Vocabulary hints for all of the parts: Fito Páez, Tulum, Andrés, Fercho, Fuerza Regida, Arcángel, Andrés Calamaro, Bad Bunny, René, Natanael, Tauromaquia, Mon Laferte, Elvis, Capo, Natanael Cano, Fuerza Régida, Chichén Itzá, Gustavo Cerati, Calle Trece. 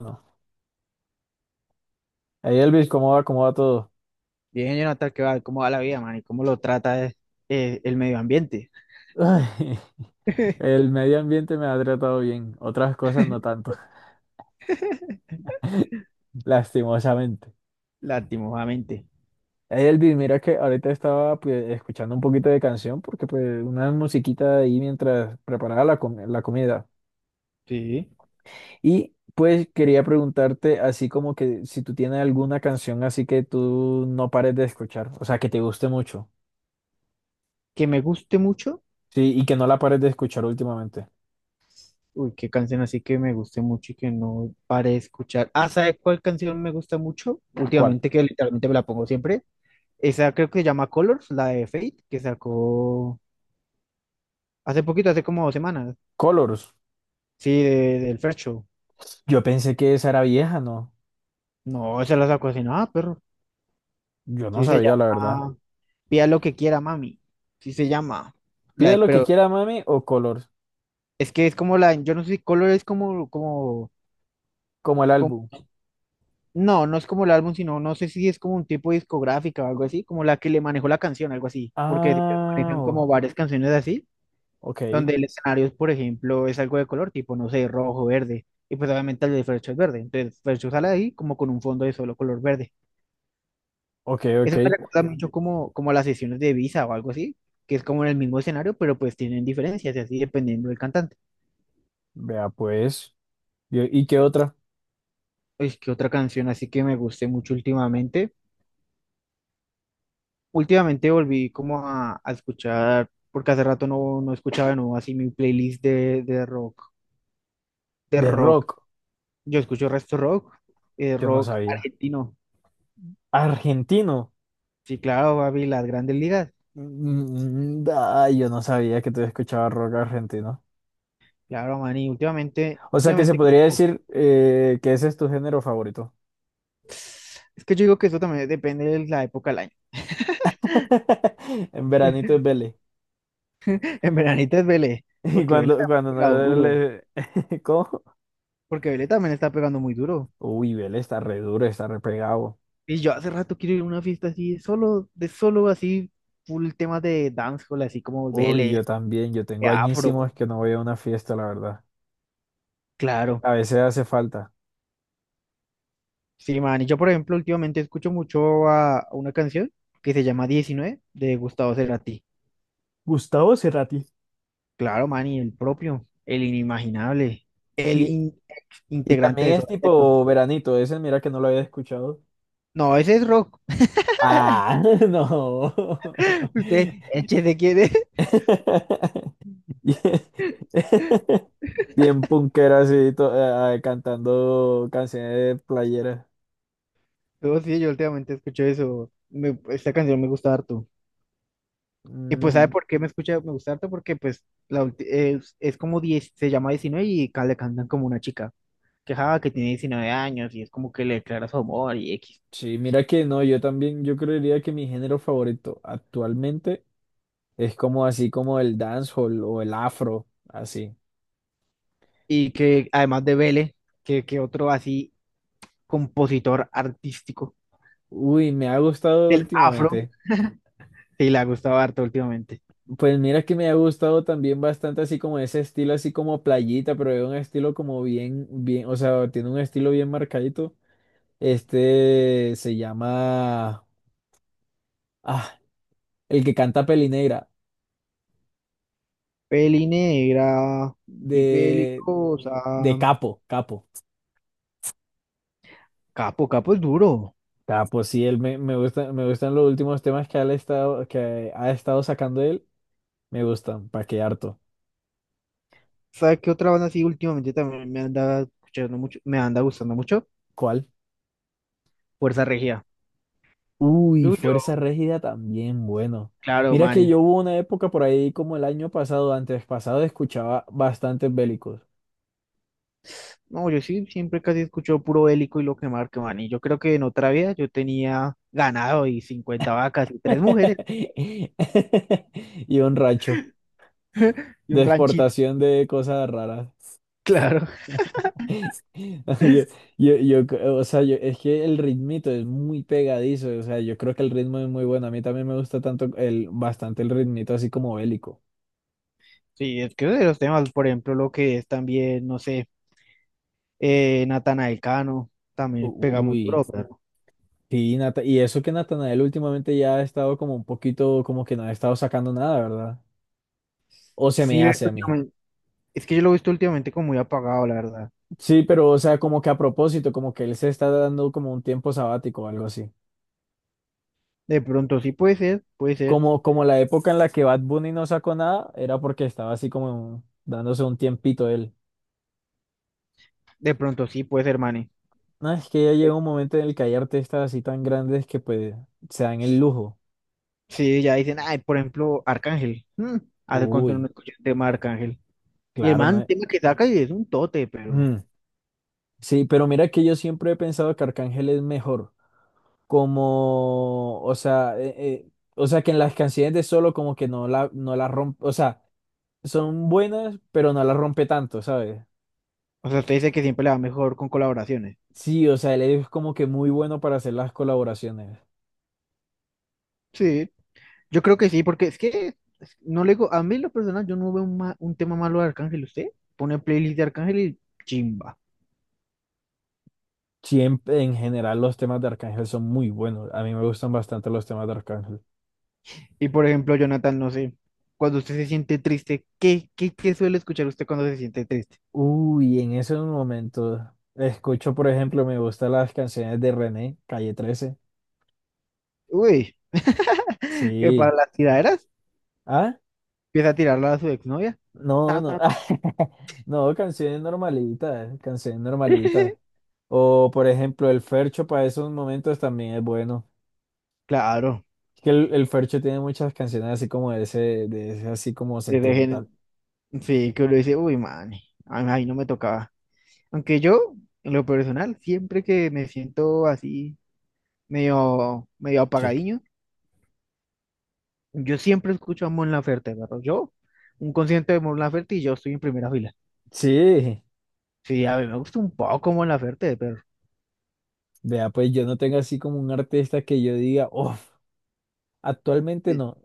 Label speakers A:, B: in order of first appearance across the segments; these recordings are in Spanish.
A: No, hey Elvis, ¿cómo va? ¿Cómo va todo?
B: Bien, Jonathan, ¿qué va? ¿Cómo va la vida, man? ¿Y cómo lo trata el medio ambiente?
A: Ay, el medio ambiente me ha tratado bien, otras cosas no tanto, lastimosamente.
B: Lastimosamente.
A: Hey Elvis, mira que ahorita estaba pues, escuchando un poquito de canción porque pues una musiquita ahí mientras preparaba la comida.
B: Sí.
A: Y pues quería preguntarte así como que si tú tienes alguna canción así que tú no pares de escuchar, o sea, que te guste mucho,
B: Que me guste mucho.
A: sí, y que no la pares de escuchar últimamente.
B: Uy, qué canción así que me guste mucho y que no pare de escuchar. Ah, ¿sabes cuál canción me gusta mucho?
A: ¿Cuál?
B: Últimamente, que literalmente me la pongo siempre. Esa creo que se llama Colors, la de Fate, que sacó hace poquito, hace como 2 semanas.
A: Colors.
B: Sí, del First Show.
A: Yo pensé que esa era vieja, ¿no?
B: No, esa la sacó así, nada, perro.
A: Yo no
B: Sí, se
A: sabía, la verdad.
B: llama Pida lo que quiera, mami. Sí, se llama. La
A: Pide
B: de-
A: lo que
B: pero
A: quiera, mami, o color,
B: Es que es como la, yo no sé si Color es
A: como el
B: como-
A: álbum.
B: no, no es como el álbum, sino no sé si es como un tipo discográfica o algo así, como la que le manejó la canción, algo así, porque ellos
A: Ah,
B: manejan
A: o-
B: como varias canciones así,
A: ok,
B: donde el escenario, por ejemplo, es algo de color, tipo, no sé, rojo, verde, y pues obviamente el de Fercho es verde, entonces Fercho sale ahí como con un fondo de solo color verde.
A: ok, ok.
B: Eso me recuerda mucho como, como a las sesiones de Visa o algo así, que es como en el mismo escenario, pero pues tienen diferencias y así dependiendo del cantante.
A: Vea, pues. ¿Y qué otra?
B: Es que otra canción así que me guste mucho últimamente. Últimamente volví como a escuchar, porque hace rato no escuchaba de nuevo así mi playlist de rock, de
A: De
B: rock.
A: rock,
B: Yo escucho resto rock,
A: yo no
B: rock
A: sabía.
B: argentino.
A: Argentino.
B: Sí, claro, baby, las grandes ligas.
A: Mm, ah, yo no sabía que tú escuchabas rock argentino.
B: Claro, man, y últimamente,
A: O sea que se
B: últimamente
A: podría
B: como,
A: decir que ese es tu género favorito.
B: es que yo digo que eso también depende de la época del año.
A: En veranito es Vélez.
B: En veranito es Vélez,
A: Y
B: porque Vélez
A: cuando,
B: también
A: cuando
B: pega
A: no
B: duro,
A: le... ¿Cómo?
B: porque Vélez también está pegando muy duro.
A: Uy, Vélez está re duro, está re pegado.
B: Y yo hace rato quiero ir a una fiesta así, solo, de solo así, full temas de dancehall, así como
A: Uy,
B: Vélez,
A: yo también, yo
B: de
A: tengo
B: afro.
A: añísimos que no voy a una fiesta, la verdad.
B: Claro,
A: A veces hace falta.
B: sí, man. Y yo, por ejemplo, últimamente escucho mucho a una canción que se llama 19 de Gustavo Cerati.
A: Gustavo Cerati.
B: Claro, man, y el propio, el inimaginable, el
A: Y,
B: in-
A: y
B: integrante
A: también
B: de su
A: es
B: aspecto.
A: tipo veranito, ese mira que no lo había escuchado.
B: No, ese es rock.
A: Ah, no.
B: Usted, échese quién es.
A: Bien punkera así, cantando canciones de playera.
B: No, sí, yo últimamente escucho eso. Esta canción me gusta harto. Y pues, ¿sabe
A: Mm,
B: por qué me escucha, me gusta harto? Porque, pues, es como 10, se llama 19 y le cantan como una chica. Que, ja, que tiene 19 años y es como que le declara su amor y X.
A: sí, mira que no, yo también, yo creería que mi género favorito actualmente es como así como el dancehall o el afro, así.
B: Y que además de Vélez, que otro así compositor artístico
A: Uy, me ha gustado
B: del afro,
A: últimamente.
B: sí le ha gustado harto últimamente.
A: Pues mira que me ha gustado también bastante así como ese estilo, así como playita, pero es un estilo como bien, o sea, tiene un estilo bien marcadito. Este se llama, ah, el que canta Pelinegra,
B: Peli negra y
A: de,
B: pelicosa.
A: de Capo.
B: Capo, Capo es duro.
A: Capo, sí, me gusta, me gustan los últimos temas que ha estado sacando él, me gustan, pa' que harto.
B: ¿Sabes qué otra banda así últimamente también me anda escuchando mucho, me anda gustando mucho?
A: ¿Cuál?
B: Fuerza Regida.
A: Uy,
B: Yuyo,
A: Fuerza Régida también, bueno.
B: claro,
A: Mira que
B: Manny.
A: yo hubo una época por ahí como el año pasado, antes pasado, escuchaba bastantes bélicos.
B: No, yo sí siempre casi escucho puro bélico y lo que marque, Manny. Yo creo que en otra vida yo tenía ganado y 50 vacas y tres mujeres
A: Y un racho
B: y
A: de
B: un ranchito,
A: exportación de cosas raras.
B: claro.
A: Yo, yo, c- o sea, yo- Es que el ritmito es muy pegadizo, o sea, yo creo que el ritmo es muy bueno. A mí también me gusta bastante el ritmito así como bélico.
B: Sí, es que de los temas, por ejemplo, lo que es también, no sé, Natanael Cano,
A: U-
B: también pega muy
A: Uy.
B: duro, pero
A: Sí, y eso que Natanael últimamente ya ha estado como un poquito, como que no ha estado sacando nada, ¿verdad? O se me
B: sí, veo que
A: hace a mí.
B: es que yo lo he visto últimamente como muy apagado, la verdad.
A: Sí, pero o sea, como que a propósito, como que él se está dando como un tiempo sabático o algo así.
B: De pronto sí puede ser,
A: Como, como la época en la que Bad Bunny no sacó nada, era porque estaba así como dándose un tiempito él.
B: de pronto sí puede ser, Manny.
A: No, es que ya llega un momento en el que hay artistas así tan grandes que pues se dan el lujo.
B: Sí, ya dicen, ay, por ejemplo, Arcángel, hace cuánto no
A: Uy,
B: escuché el tema de Arcángel. Y el
A: claro, no
B: man,
A: es-
B: tema que saca y es un tote, pero,
A: Mm. Sí, pero mira que yo siempre he pensado que Arcángel es mejor. Como, o sea, que en las canciones de Solo como que no la rompe, o sea, son buenas, pero no la rompe tanto, ¿sabes?
B: o sea, usted dice que siempre le va mejor con colaboraciones.
A: Sí, o sea, él es como que muy bueno para hacer las colaboraciones.
B: Sí, yo creo que sí, porque es que no le digo, a mí en lo personal yo no veo un tema malo de Arcángel. Usted pone playlist de Arcángel y chimba.
A: Siempre, en general, los temas de Arcángel son muy buenos. A mí me gustan bastante los temas de Arcángel.
B: Y por ejemplo, Jonathan, no sé, cuando usted se siente triste, ¿qué suele escuchar usted cuando se siente triste?
A: Uy, en esos momentos escucho, por ejemplo, me gustan las canciones de René, Calle trece.
B: Uy, que
A: Sí.
B: para las tiraderas
A: ¿Ah?
B: empieza a tirarla a su exnovia.
A: No,
B: Ta,
A: no.
B: ta, ta.
A: No, canciones normalitas, canciones normalitas. O por ejemplo, el Fercho para esos momentos también es bueno.
B: Claro,
A: Es que el Fercho tiene muchas canciones así como de ese así como
B: que dejen,
A: sentimental.
B: sí, que uno dice, uy, man, ay, ay, no me tocaba. Aunque yo, en lo personal, siempre que me siento así, medio, medio
A: Sí.
B: apagadiño, yo siempre escucho a Mon Laferte, pero yo, un concierto de Mon Laferte y yo estoy en primera fila.
A: Sí,
B: Sí, a mí me gusta un poco Mon Laferte, pero
A: vea, pues yo no tengo así como un artista que yo diga, uff, actualmente
B: sí,
A: no,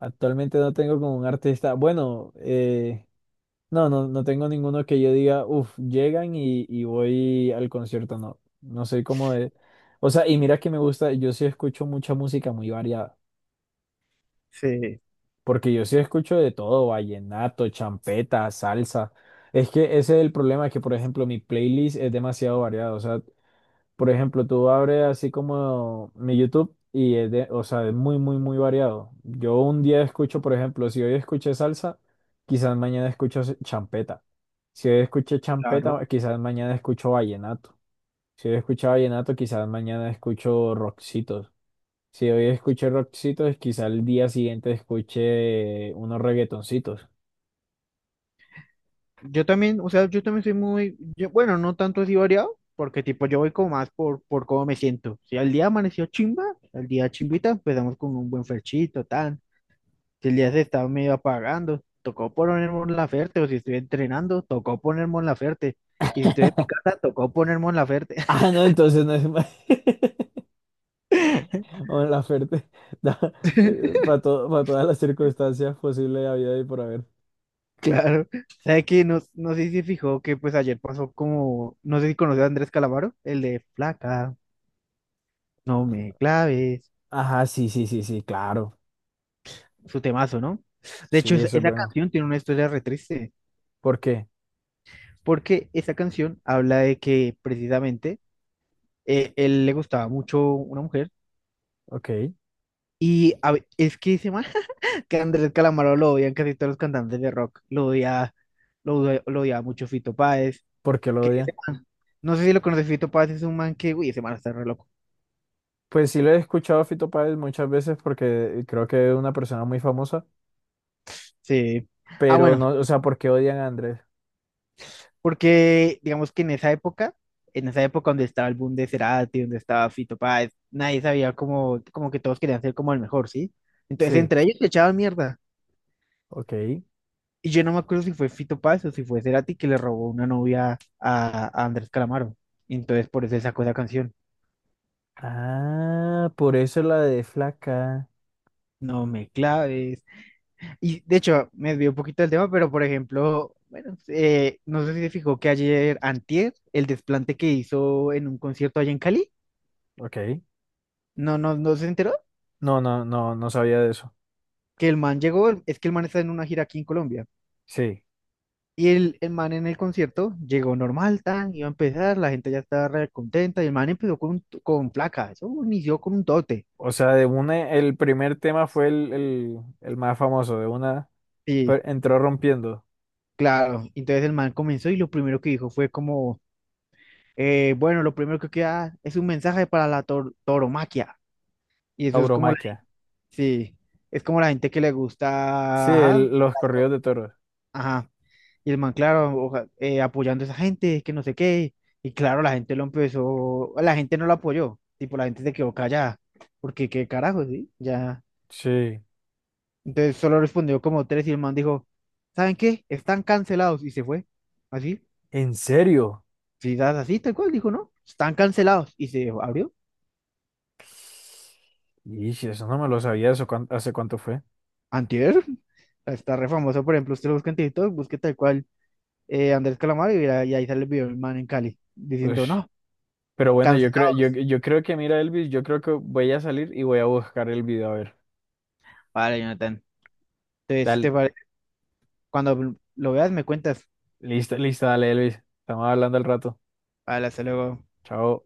A: actualmente no tengo como un artista, no, no, no tengo ninguno que yo diga, uff, llegan y voy al concierto, no, no soy como de, o sea, y mira que me gusta, yo sí escucho mucha música muy variada.
B: sí,
A: Porque yo sí escucho de todo, vallenato, champeta, salsa. Es que ese es el problema, que por ejemplo mi playlist es demasiado variada. O sea, por ejemplo, tú abres así como mi YouTube y es de, o sea, es muy variado. Yo un día escucho, por ejemplo, si hoy escuché salsa, quizás mañana escucho champeta. Si hoy escuché champeta,
B: claro.
A: quizás mañana escucho vallenato. Si hoy escuchaba vallenato, quizás mañana escucho rockcitos. Si hoy escuché rockcitos, quizás el día siguiente escuche unos reggaetoncitos.
B: Yo también, o sea, yo también soy muy, yo, bueno, no tanto así variado, porque tipo yo voy como más por cómo me siento. Si al día amaneció chimba, al día chimbita, empezamos con un buen ferchito, tan. Si el día se estaba medio apagando, tocó poner Mon Laferte, o si estoy entrenando, tocó poner Mon Laferte. Y si estoy en mi casa, tocó poner Mon Laferte.
A: Ah, no, entonces no es más. Mon Laferte, para todas las circunstancias posibles de vida y por haber.
B: Claro, ¿sabe qué? No, no sé si se fijó que pues ayer pasó como, no sé si conoce a Andrés Calamaro, el de Flaca, no me claves,
A: Ajá, sí, sí, sí, sí, claro.
B: su temazo, ¿no? De hecho,
A: Sí, eso es
B: esa
A: bueno.
B: canción tiene una historia re triste,
A: ¿Por qué?
B: porque esa canción habla de que precisamente él le gustaba mucho una mujer,
A: Ok.
B: y es que ese man, que Andrés Calamaro lo odian casi todos los cantantes de rock, lo odiaba mucho Fito Páez,
A: ¿Por qué lo
B: que
A: odian?
B: ese man, no sé si lo conoce Fito Páez, es un man que, uy, ese man está re loco.
A: Pues sí lo he escuchado a Fito Páez muchas veces porque creo que es una persona muy famosa,
B: Sí. Ah,
A: pero
B: bueno,
A: no, o sea, ¿por qué odian a Andrés?
B: porque digamos que en esa época donde estaba el boom de Cerati, donde estaba Fito Páez, nadie sabía como, como que todos querían ser como el mejor, ¿sí? Entonces
A: Sí,
B: entre ellos se echaban mierda.
A: ok.
B: Y yo no me acuerdo si fue Fito Páez o si fue Cerati que le robó una novia a Andrés Calamaro. Y entonces por eso él sacó esa canción.
A: Ah, por eso la de flaca.
B: No me claves. Y de hecho, me desvió un poquito del tema, pero por ejemplo, bueno, no sé si se fijó que ayer, antier, el desplante que hizo en un concierto allá en Cali.
A: Ok.
B: No, no, no se enteró
A: No, no, no, no sabía de eso.
B: que el man llegó, es que el man está en una gira aquí en Colombia.
A: Sí.
B: Y el man en el concierto llegó normal, tan, iba a empezar, la gente ya estaba re contenta, y el man empezó con placa, eso inició con un tote.
A: O sea, de una, el primer tema fue el más famoso, de una,
B: Sí,
A: entró rompiendo.
B: claro. Entonces el man comenzó y lo primero que dijo fue como, bueno, lo primero que queda es un mensaje para la tauromaquia. Y eso es como,
A: Tauromaquia.
B: sí, es como la gente que le
A: Sí,
B: gusta, ajá,
A: los
B: las
A: corridos
B: cosas.
A: de toros.
B: Y el man, claro, apoyando a esa gente, que no sé qué. Y claro, la gente lo empezó, la gente no lo apoyó, tipo, la gente se quedó callada, porque qué carajo, ¿sí? Ya.
A: Sí.
B: Entonces solo respondió como tres y el man dijo, ¿saben qué? Están cancelados y se fue. Así,
A: ¿En serio?
B: sí, das así, tal cual, dijo, ¿no? Están cancelados y se abrió.
A: Y eso no me lo sabía, hace cuánto fue?
B: Antier, está re famoso, por ejemplo, usted lo busca en TikTok, busque tal cual Andrés Calamaro y, y ahí sale el video del man en Cali, diciendo,
A: Ush.
B: no,
A: Pero bueno, yo creo,
B: cancelados.
A: yo creo que, mira, Elvis, yo creo que voy a salir y voy a buscar el video. A ver,
B: Vale, Jonathan. Entonces, ¿te
A: dale,
B: parece? Cuando lo veas, me cuentas.
A: lista, lista, dale, Elvis. Estamos hablando al rato.
B: Vale, hasta luego.
A: Chao.